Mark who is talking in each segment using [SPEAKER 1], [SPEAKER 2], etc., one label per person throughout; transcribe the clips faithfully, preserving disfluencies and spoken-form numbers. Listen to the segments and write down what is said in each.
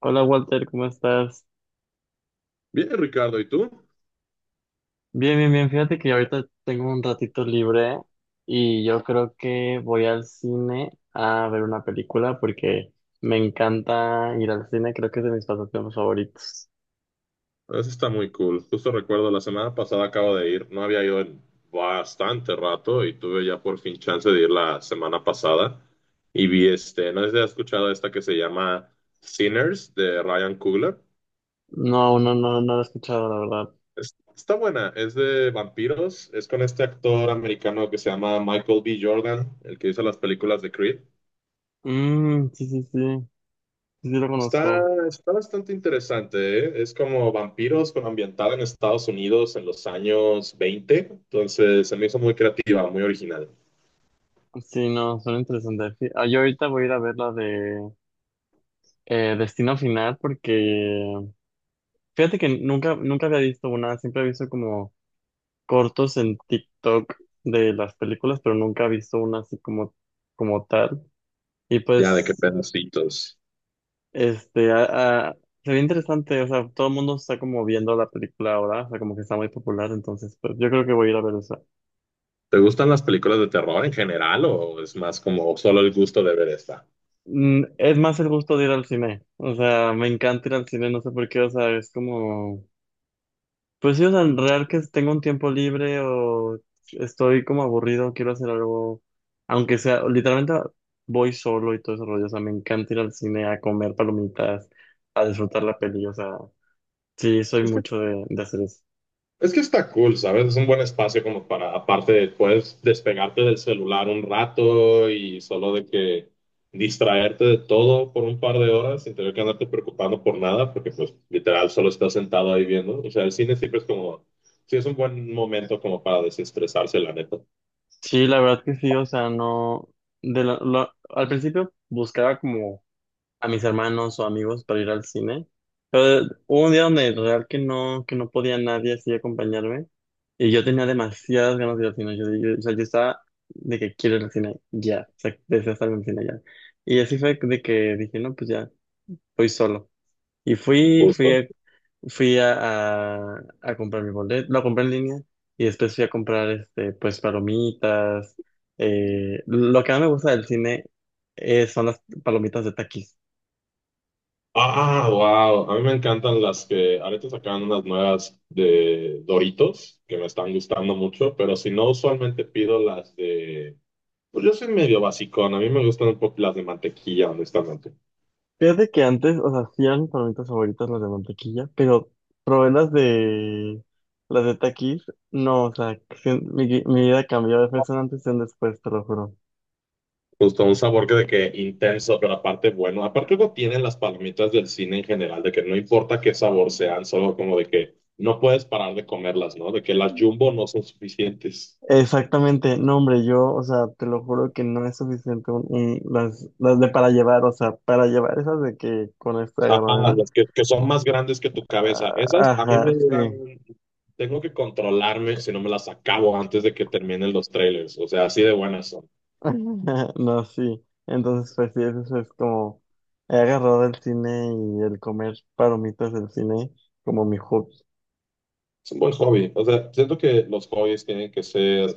[SPEAKER 1] Hola Walter, ¿cómo estás?
[SPEAKER 2] Bien, Ricardo, ¿y tú?
[SPEAKER 1] Bien, bien, bien. Fíjate que ahorita tengo un ratito libre y yo creo que voy al cine a ver una película porque me encanta ir al cine, creo que es de mis pasatiempos favoritos.
[SPEAKER 2] Eso está muy cool. Justo recuerdo, la semana pasada acabo de ir, no había ido en bastante rato y tuve ya por fin chance de ir la semana pasada y vi este, no sé si has escuchado esta que se llama Sinners de Ryan Coogler.
[SPEAKER 1] No, no, no, no lo he escuchado, la verdad.
[SPEAKER 2] Es- está buena, es de vampiros, es con este actor americano que se llama Michael B. Jordan, el que hizo las películas de Creed.
[SPEAKER 1] Mm, sí, sí, sí, sí, sí lo
[SPEAKER 2] Está,
[SPEAKER 1] conozco.
[SPEAKER 2] está bastante interesante, ¿eh? Es como vampiros, pero ambientada en Estados Unidos en los años veinte. Entonces se me hizo muy creativa, muy original.
[SPEAKER 1] Sí, no, son interesantes. Fí- ah, Yo ahorita voy a ir a ver la de eh, Destino Final porque fíjate que nunca, nunca había visto una, siempre he visto como cortos en TikTok de las películas, pero nunca he visto una así como, como tal. Y
[SPEAKER 2] Ya, de qué
[SPEAKER 1] pues,
[SPEAKER 2] pedacitos.
[SPEAKER 1] este, a- a- se ve interesante, o sea, todo el mundo está como viendo la película ahora, o sea, como que está muy popular, entonces, pues yo creo que voy a ir a ver esa.
[SPEAKER 2] ¿Te gustan las películas de terror en general o es más como solo el gusto de ver esta?
[SPEAKER 1] Mm, es más el gusto de ir al cine, o sea, me encanta ir al cine, no sé por qué, o sea, es como... Pues sí, o sea, en real que tengo un tiempo libre o estoy como aburrido, quiero hacer algo, aunque sea, literalmente voy solo y todo ese rollo, o sea, me encanta ir al cine a comer palomitas, a disfrutar la peli, o sea, sí, soy
[SPEAKER 2] Es que
[SPEAKER 1] mucho de, de hacer eso.
[SPEAKER 2] Es que está cool, ¿sabes? Es un buen espacio como para, aparte de, puedes despegarte del celular un rato y solo de que distraerte de todo por un par de horas sin tener que andarte preocupando por nada, porque pues literal solo estás sentado ahí viendo. O sea, el cine siempre es como, sí es un buen momento como para desestresarse, la neta,
[SPEAKER 1] Sí, la verdad que sí, o sea, no, de la- la- al principio buscaba como a mis hermanos o amigos para ir al cine. Pero hubo un día donde real que no, que no podía nadie así acompañarme y yo tenía demasiadas ganas de ir al cine. Yo, yo- o sea, yo estaba de que quiero ir al cine ya, o sea, deseo estar en el cine ya. Y así fue de que dije, no, pues ya, voy solo. Y fui, fui
[SPEAKER 2] justo.
[SPEAKER 1] a, fui a, a, a comprar mi boleto, lo compré en línea y después fui a comprar, este, pues, palomitas. Eh, lo que más me gusta del cine eh, son las palomitas de takis.
[SPEAKER 2] Ah, wow, a mí me encantan las que ahorita sacan unas nuevas de Doritos que me están gustando mucho, pero si no, usualmente pido las de… Pues yo soy medio basicón, a mí me gustan un poco las de mantequilla, honestamente.
[SPEAKER 1] Fíjate que antes, o sea, hacían palomitas favoritas las de mantequilla, pero probé las de las de Takis. No, o sea, que si- mi, mi vida cambió de persona antes y un después, te lo juro.
[SPEAKER 2] Justo un sabor que de que intenso, pero aparte bueno. Aparte algo tienen las palomitas del cine en general, de que no importa qué sabor sean, solo como de que no puedes parar de comerlas, ¿no? De que las jumbo no son suficientes.
[SPEAKER 1] Exactamente, no, hombre, yo, o sea, te lo juro que no es suficiente un- un- las, las de para llevar, o sea, para llevar esas de que con esta
[SPEAKER 2] Ajá,
[SPEAKER 1] agarradera.
[SPEAKER 2] las que, que son más grandes que tu cabeza.
[SPEAKER 1] Ah,
[SPEAKER 2] Esas a mí
[SPEAKER 1] ajá,
[SPEAKER 2] me duran,
[SPEAKER 1] sí.
[SPEAKER 2] tengo que controlarme si no me las acabo antes de que terminen los trailers. O sea, así de buenas son.
[SPEAKER 1] No, sí. Entonces, pues sí, eso es como he agarrado el cine y el comer palomitas del cine como mi hobby.
[SPEAKER 2] Es un buen hobby. O sea, siento que los hobbies tienen que ser…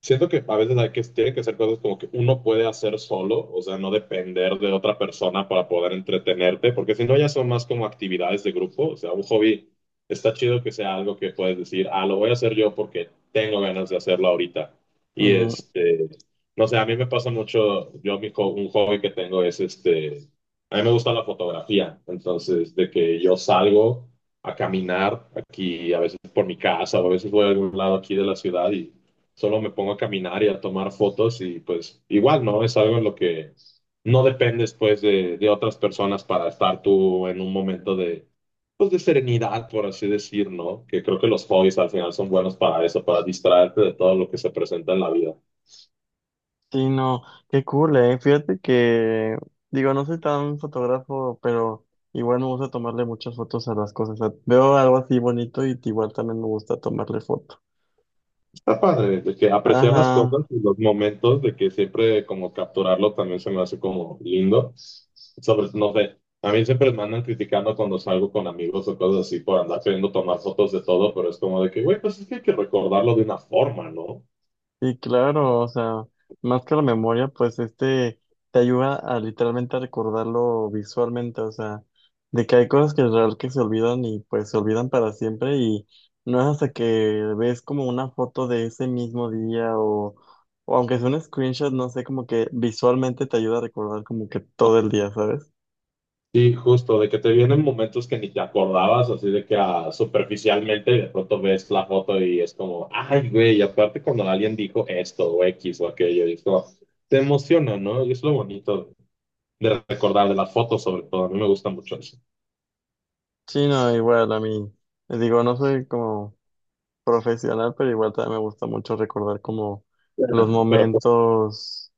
[SPEAKER 2] Siento que a veces hay que, tienen que ser cosas como que uno puede hacer solo, o sea, no depender de otra persona para poder entretenerte, porque si no ya son más como actividades de grupo. O sea, un hobby está chido que sea algo que puedes decir, ah, lo voy a hacer yo porque tengo ganas de hacerlo ahorita. Y
[SPEAKER 1] Ujú.
[SPEAKER 2] este, no sé, a mí me pasa mucho, yo mi, jo- un hobby que tengo es este, a mí me gusta la fotografía, entonces de que yo salgo a caminar aquí, a veces por mi casa, o a veces voy a algún lado aquí de la ciudad y solo me pongo a caminar y a tomar fotos y pues igual, ¿no? Es algo en lo que no dependes pues de, de otras personas para estar tú en un momento de, pues de serenidad, por así decir, ¿no? Que creo que los hobbies al final son buenos para eso, para distraerte de todo lo que se presenta en la vida.
[SPEAKER 1] Sí, no, qué cool, eh. Fíjate que, digo, no soy tan fotógrafo, pero igual me gusta tomarle muchas fotos a las cosas. O sea, veo algo así bonito y igual también me gusta tomarle foto.
[SPEAKER 2] Está padre, de que apreciar las
[SPEAKER 1] Ajá.
[SPEAKER 2] cosas y los momentos, de que siempre como capturarlo también se me hace como lindo. Sobre, no sé, a mí siempre me andan criticando cuando salgo con amigos o cosas así por andar queriendo tomar fotos de todo, pero es como de que, güey, pues es que hay que recordarlo de una forma, ¿no?
[SPEAKER 1] Y claro, o sea, más que la memoria, pues este te ayuda a literalmente a recordarlo visualmente, o sea, de que hay cosas que es real que se olvidan y pues se olvidan para siempre y no es hasta que ves como una foto de ese mismo día o, o aunque sea un screenshot, no sé, como que visualmente te ayuda a recordar como que todo el día, ¿sabes?
[SPEAKER 2] Sí, justo, de que te vienen momentos que ni te acordabas, así de que ah, superficialmente de pronto ves la foto y es como, ay, güey, y aparte cuando alguien dijo esto o X o aquello, y es como, te emociona, ¿no? Y es lo bonito de recordar de las fotos, sobre todo. A mí me gusta mucho eso.
[SPEAKER 1] Sí, no, igual a mí, les digo, no soy como profesional, pero igual también me gusta mucho recordar como los
[SPEAKER 2] Yeah. Pero pues,
[SPEAKER 1] momentos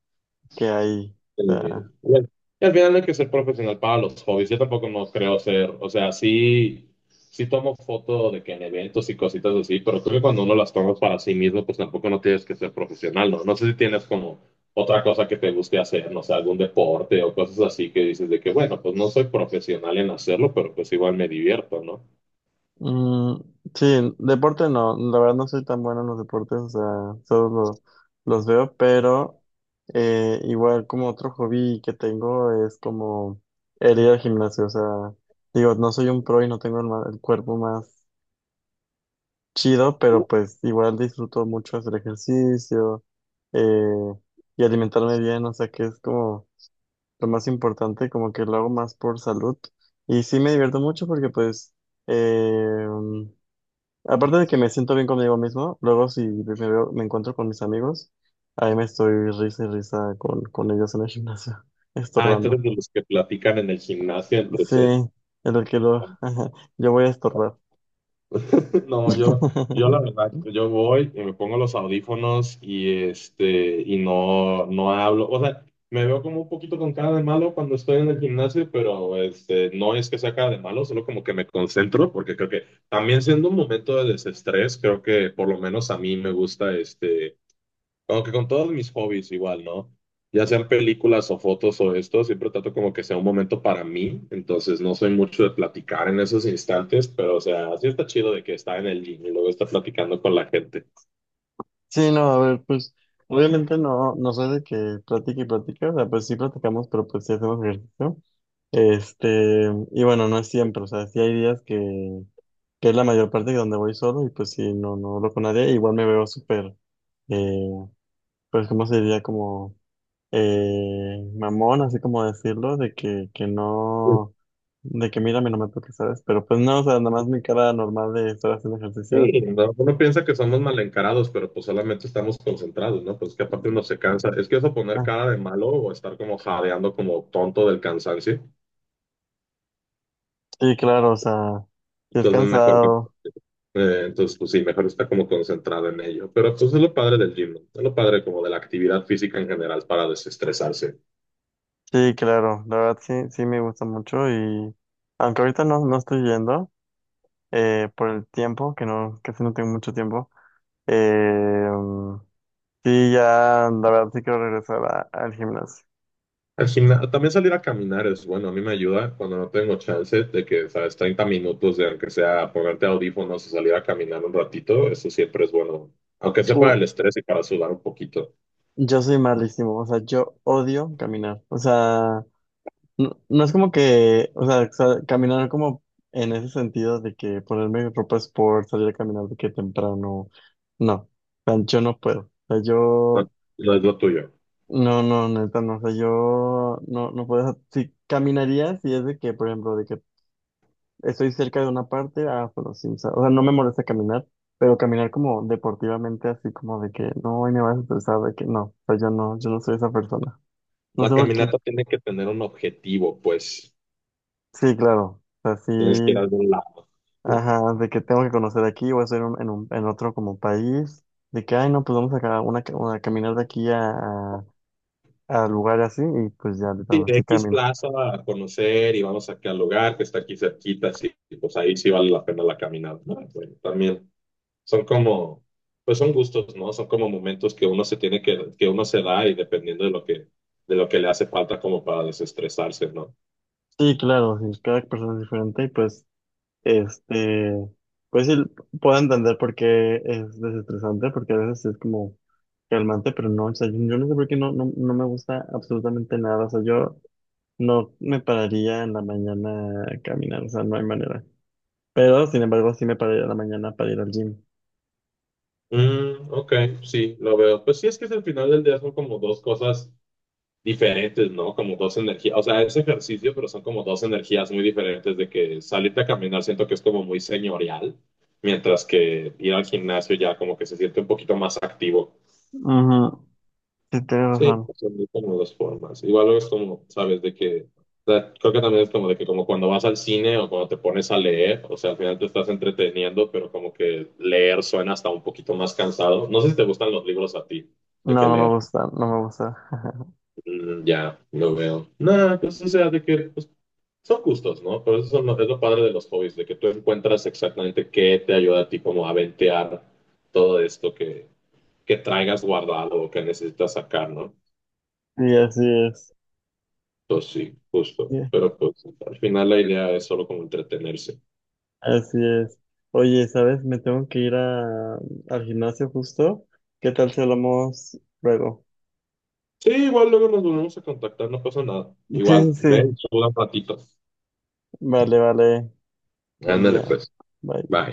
[SPEAKER 1] que hay. O
[SPEAKER 2] eh,
[SPEAKER 1] sea,
[SPEAKER 2] bueno, y al final no hay que ser profesional para los hobbies. Yo tampoco no creo ser, o sea, sí, sí tomo fotos de que en eventos y cositas así, pero creo que cuando uno las toma para sí mismo, pues tampoco no tienes que ser profesional, ¿no? No sé si tienes como otra cosa que te guste hacer, no sé, algún deporte o cosas así que dices de que, bueno, pues no soy profesional en hacerlo, pero pues igual me divierto, ¿no?
[SPEAKER 1] mm, sí, deporte no, la verdad no soy tan bueno en los deportes, o sea, solo los veo, pero eh, igual como otro hobby que tengo es como el ir al gimnasio, o sea, digo, no soy un pro y no tengo el, ma- el cuerpo más chido, pero pues igual disfruto mucho hacer ejercicio eh, y alimentarme bien, o sea que es como... lo más importante, como que lo hago más por salud. Y sí me divierto mucho porque pues, eh, aparte de que me siento bien conmigo mismo, luego si me veo- me encuentro con mis amigos, ahí me estoy risa y risa con, con ellos en el gimnasio,
[SPEAKER 2] Ah,
[SPEAKER 1] estorbando.
[SPEAKER 2] entonces de los que platican en el gimnasio entre
[SPEAKER 1] Sí,
[SPEAKER 2] set.
[SPEAKER 1] en el que lo, yo voy a estorbar.
[SPEAKER 2] No, yo, yo la verdad, yo voy y me pongo los audífonos y este, y no, no hablo. O sea, me veo como un poquito con cara de malo cuando estoy en el gimnasio, pero este, no es que sea cara de malo, solo como que me concentro, porque creo que también siendo un momento de desestrés, creo que por lo menos a mí me gusta este. Como que con todos mis hobbies igual, ¿no? Ya sean películas o fotos o esto, siempre trato como que sea un momento para mí, entonces no soy mucho de platicar en esos instantes, pero o sea, sí está chido de que está en el gym y luego está platicando con la gente.
[SPEAKER 1] Sí, no, a ver, pues obviamente no, no soy de que platique y platique, o sea, pues sí platicamos, pero pues sí hacemos ejercicio. Este, y bueno, no es siempre, o sea, sí hay días que, que es la mayor parte de donde voy solo y pues sí, no, no hablo con nadie, igual me veo súper, eh, pues cómo se diría, como eh, mamón, así como decirlo, de que, que no, de que mírame, no me toques, ¿sabes? Pero pues no, o sea, nada más mi cara normal de estar haciendo ejercicio.
[SPEAKER 2] Sí, ¿no? Uno piensa que somos mal encarados, pero pues solamente estamos concentrados, ¿no? Pues que aparte uno se cansa. Es que eso poner
[SPEAKER 1] Ah,
[SPEAKER 2] cara de malo o estar como jadeando como tonto del cansancio,
[SPEAKER 1] sí, claro, o sea, sí es
[SPEAKER 2] entonces mejor…
[SPEAKER 1] cansado,
[SPEAKER 2] Eh, entonces, pues sí, mejor está como concentrado en ello. Pero pues es lo padre del gym, ¿no? Es lo padre como de la actividad física en general para desestresarse.
[SPEAKER 1] sí, claro, la verdad sí, sí me gusta mucho y aunque ahorita no, no estoy yendo, eh, por el tiempo, que no, casi no tengo mucho tiempo, eh, sí, ya, la verdad sí quiero regresar a- al gimnasio.
[SPEAKER 2] Al gimna- también salir a caminar es bueno, a mí me ayuda cuando no tengo chance de que, sabes, treinta minutos de aunque sea ponerte audífonos y salir a caminar un ratito, eso siempre es bueno, aunque sea
[SPEAKER 1] Uh,
[SPEAKER 2] para el estrés y para sudar un poquito.
[SPEAKER 1] yo soy malísimo, o sea, yo odio caminar. O sea, no, no es como que, o sea, o sea, caminar como en ese sentido de que ponerme ropa sport, salir a caminar de que temprano, no, tan yo no puedo. O sea, yo,
[SPEAKER 2] No, no es lo tuyo.
[SPEAKER 1] no, no, neta, no, o sea, yo no, no puedo, o sea, si caminaría, si es de que, por ejemplo, de que estoy cerca de una parte, ah, bueno, sí, o sea, o sea, no me molesta caminar, pero caminar como deportivamente, así como de que no, hoy me vas a estresar, de que no, o sea, yo no, yo no soy esa persona. No
[SPEAKER 2] La
[SPEAKER 1] sé por qué.
[SPEAKER 2] caminata tiene que tener un objetivo, pues
[SPEAKER 1] Sí, claro, o sea, sí,
[SPEAKER 2] tienes que ir a algún lado.
[SPEAKER 1] ajá, de que tengo que conocer aquí, voy a hacer en, un, en otro como país, de que, ay, no, pues vamos a, ca- una, ca- a caminar de aquí a, a, a lugar así, y pues ya, de
[SPEAKER 2] Sí,
[SPEAKER 1] plano,
[SPEAKER 2] de
[SPEAKER 1] así
[SPEAKER 2] X
[SPEAKER 1] camino.
[SPEAKER 2] Plaza a conocer y vamos aquí al lugar que está aquí cerquita, sí, y pues ahí sí vale la pena la caminata, ¿no? Bueno, también son como, pues son gustos, ¿no? Son como momentos que uno se tiene que, que uno se da y dependiendo de lo que, de lo que le hace falta como para desestresarse, ¿no?
[SPEAKER 1] Sí, claro, sí, cada persona es diferente, y pues. Este, pues sí, puedo entender por qué es desestresante, porque a veces es como calmante, pero no, o sea, yo, yo no sé por qué no, no, no me gusta absolutamente nada, o sea, yo no me pararía en la mañana a caminar, o sea, no hay manera. Pero, sin embargo, sí me pararía en la mañana para ir al gym.
[SPEAKER 2] Mm, ok, sí, lo veo. Pues sí, es que al final del día son como dos cosas diferentes, ¿no? Como dos energías, o sea, es ejercicio, pero son como dos energías muy diferentes de que salirte a caminar siento que es como muy señorial, mientras que ir al gimnasio ya como que se siente un poquito más activo.
[SPEAKER 1] Ujú, sí, tienes
[SPEAKER 2] Sí,
[SPEAKER 1] razón.
[SPEAKER 2] son muy como dos formas. Igual luego es como, sabes, de que, o sea, creo que también es como de que como cuando vas al cine o cuando te pones a leer, o sea, al final te estás entreteniendo, pero como que leer suena hasta un poquito más cansado. No sé si te gustan los libros a ti, de que
[SPEAKER 1] No, no me
[SPEAKER 2] leer.
[SPEAKER 1] gusta, no me gusta.
[SPEAKER 2] Mm, ya, lo veo. Nada, pues o sea, de que pues, son gustos, ¿no? Pero eso es lo, es lo padre de los hobbies, de que tú encuentras exactamente qué te ayuda a ti como a ventear todo esto que, que traigas guardado o que necesitas sacar, ¿no?
[SPEAKER 1] Sí, así es.
[SPEAKER 2] Pues sí, justo.
[SPEAKER 1] Sí,
[SPEAKER 2] Pero pues al final la idea es solo como entretenerse.
[SPEAKER 1] así es. Oye, ¿sabes? Me tengo que ir a, al gimnasio justo. ¿Qué tal si hablamos luego?
[SPEAKER 2] Sí, igual luego nos volvemos a contactar, no pasa nada.
[SPEAKER 1] Sí, sí,
[SPEAKER 2] Igual,
[SPEAKER 1] sí.
[SPEAKER 2] ven, solo un ratito.
[SPEAKER 1] Vale, vale. Buen
[SPEAKER 2] Ándale
[SPEAKER 1] día.
[SPEAKER 2] pues,
[SPEAKER 1] Bye.
[SPEAKER 2] bye.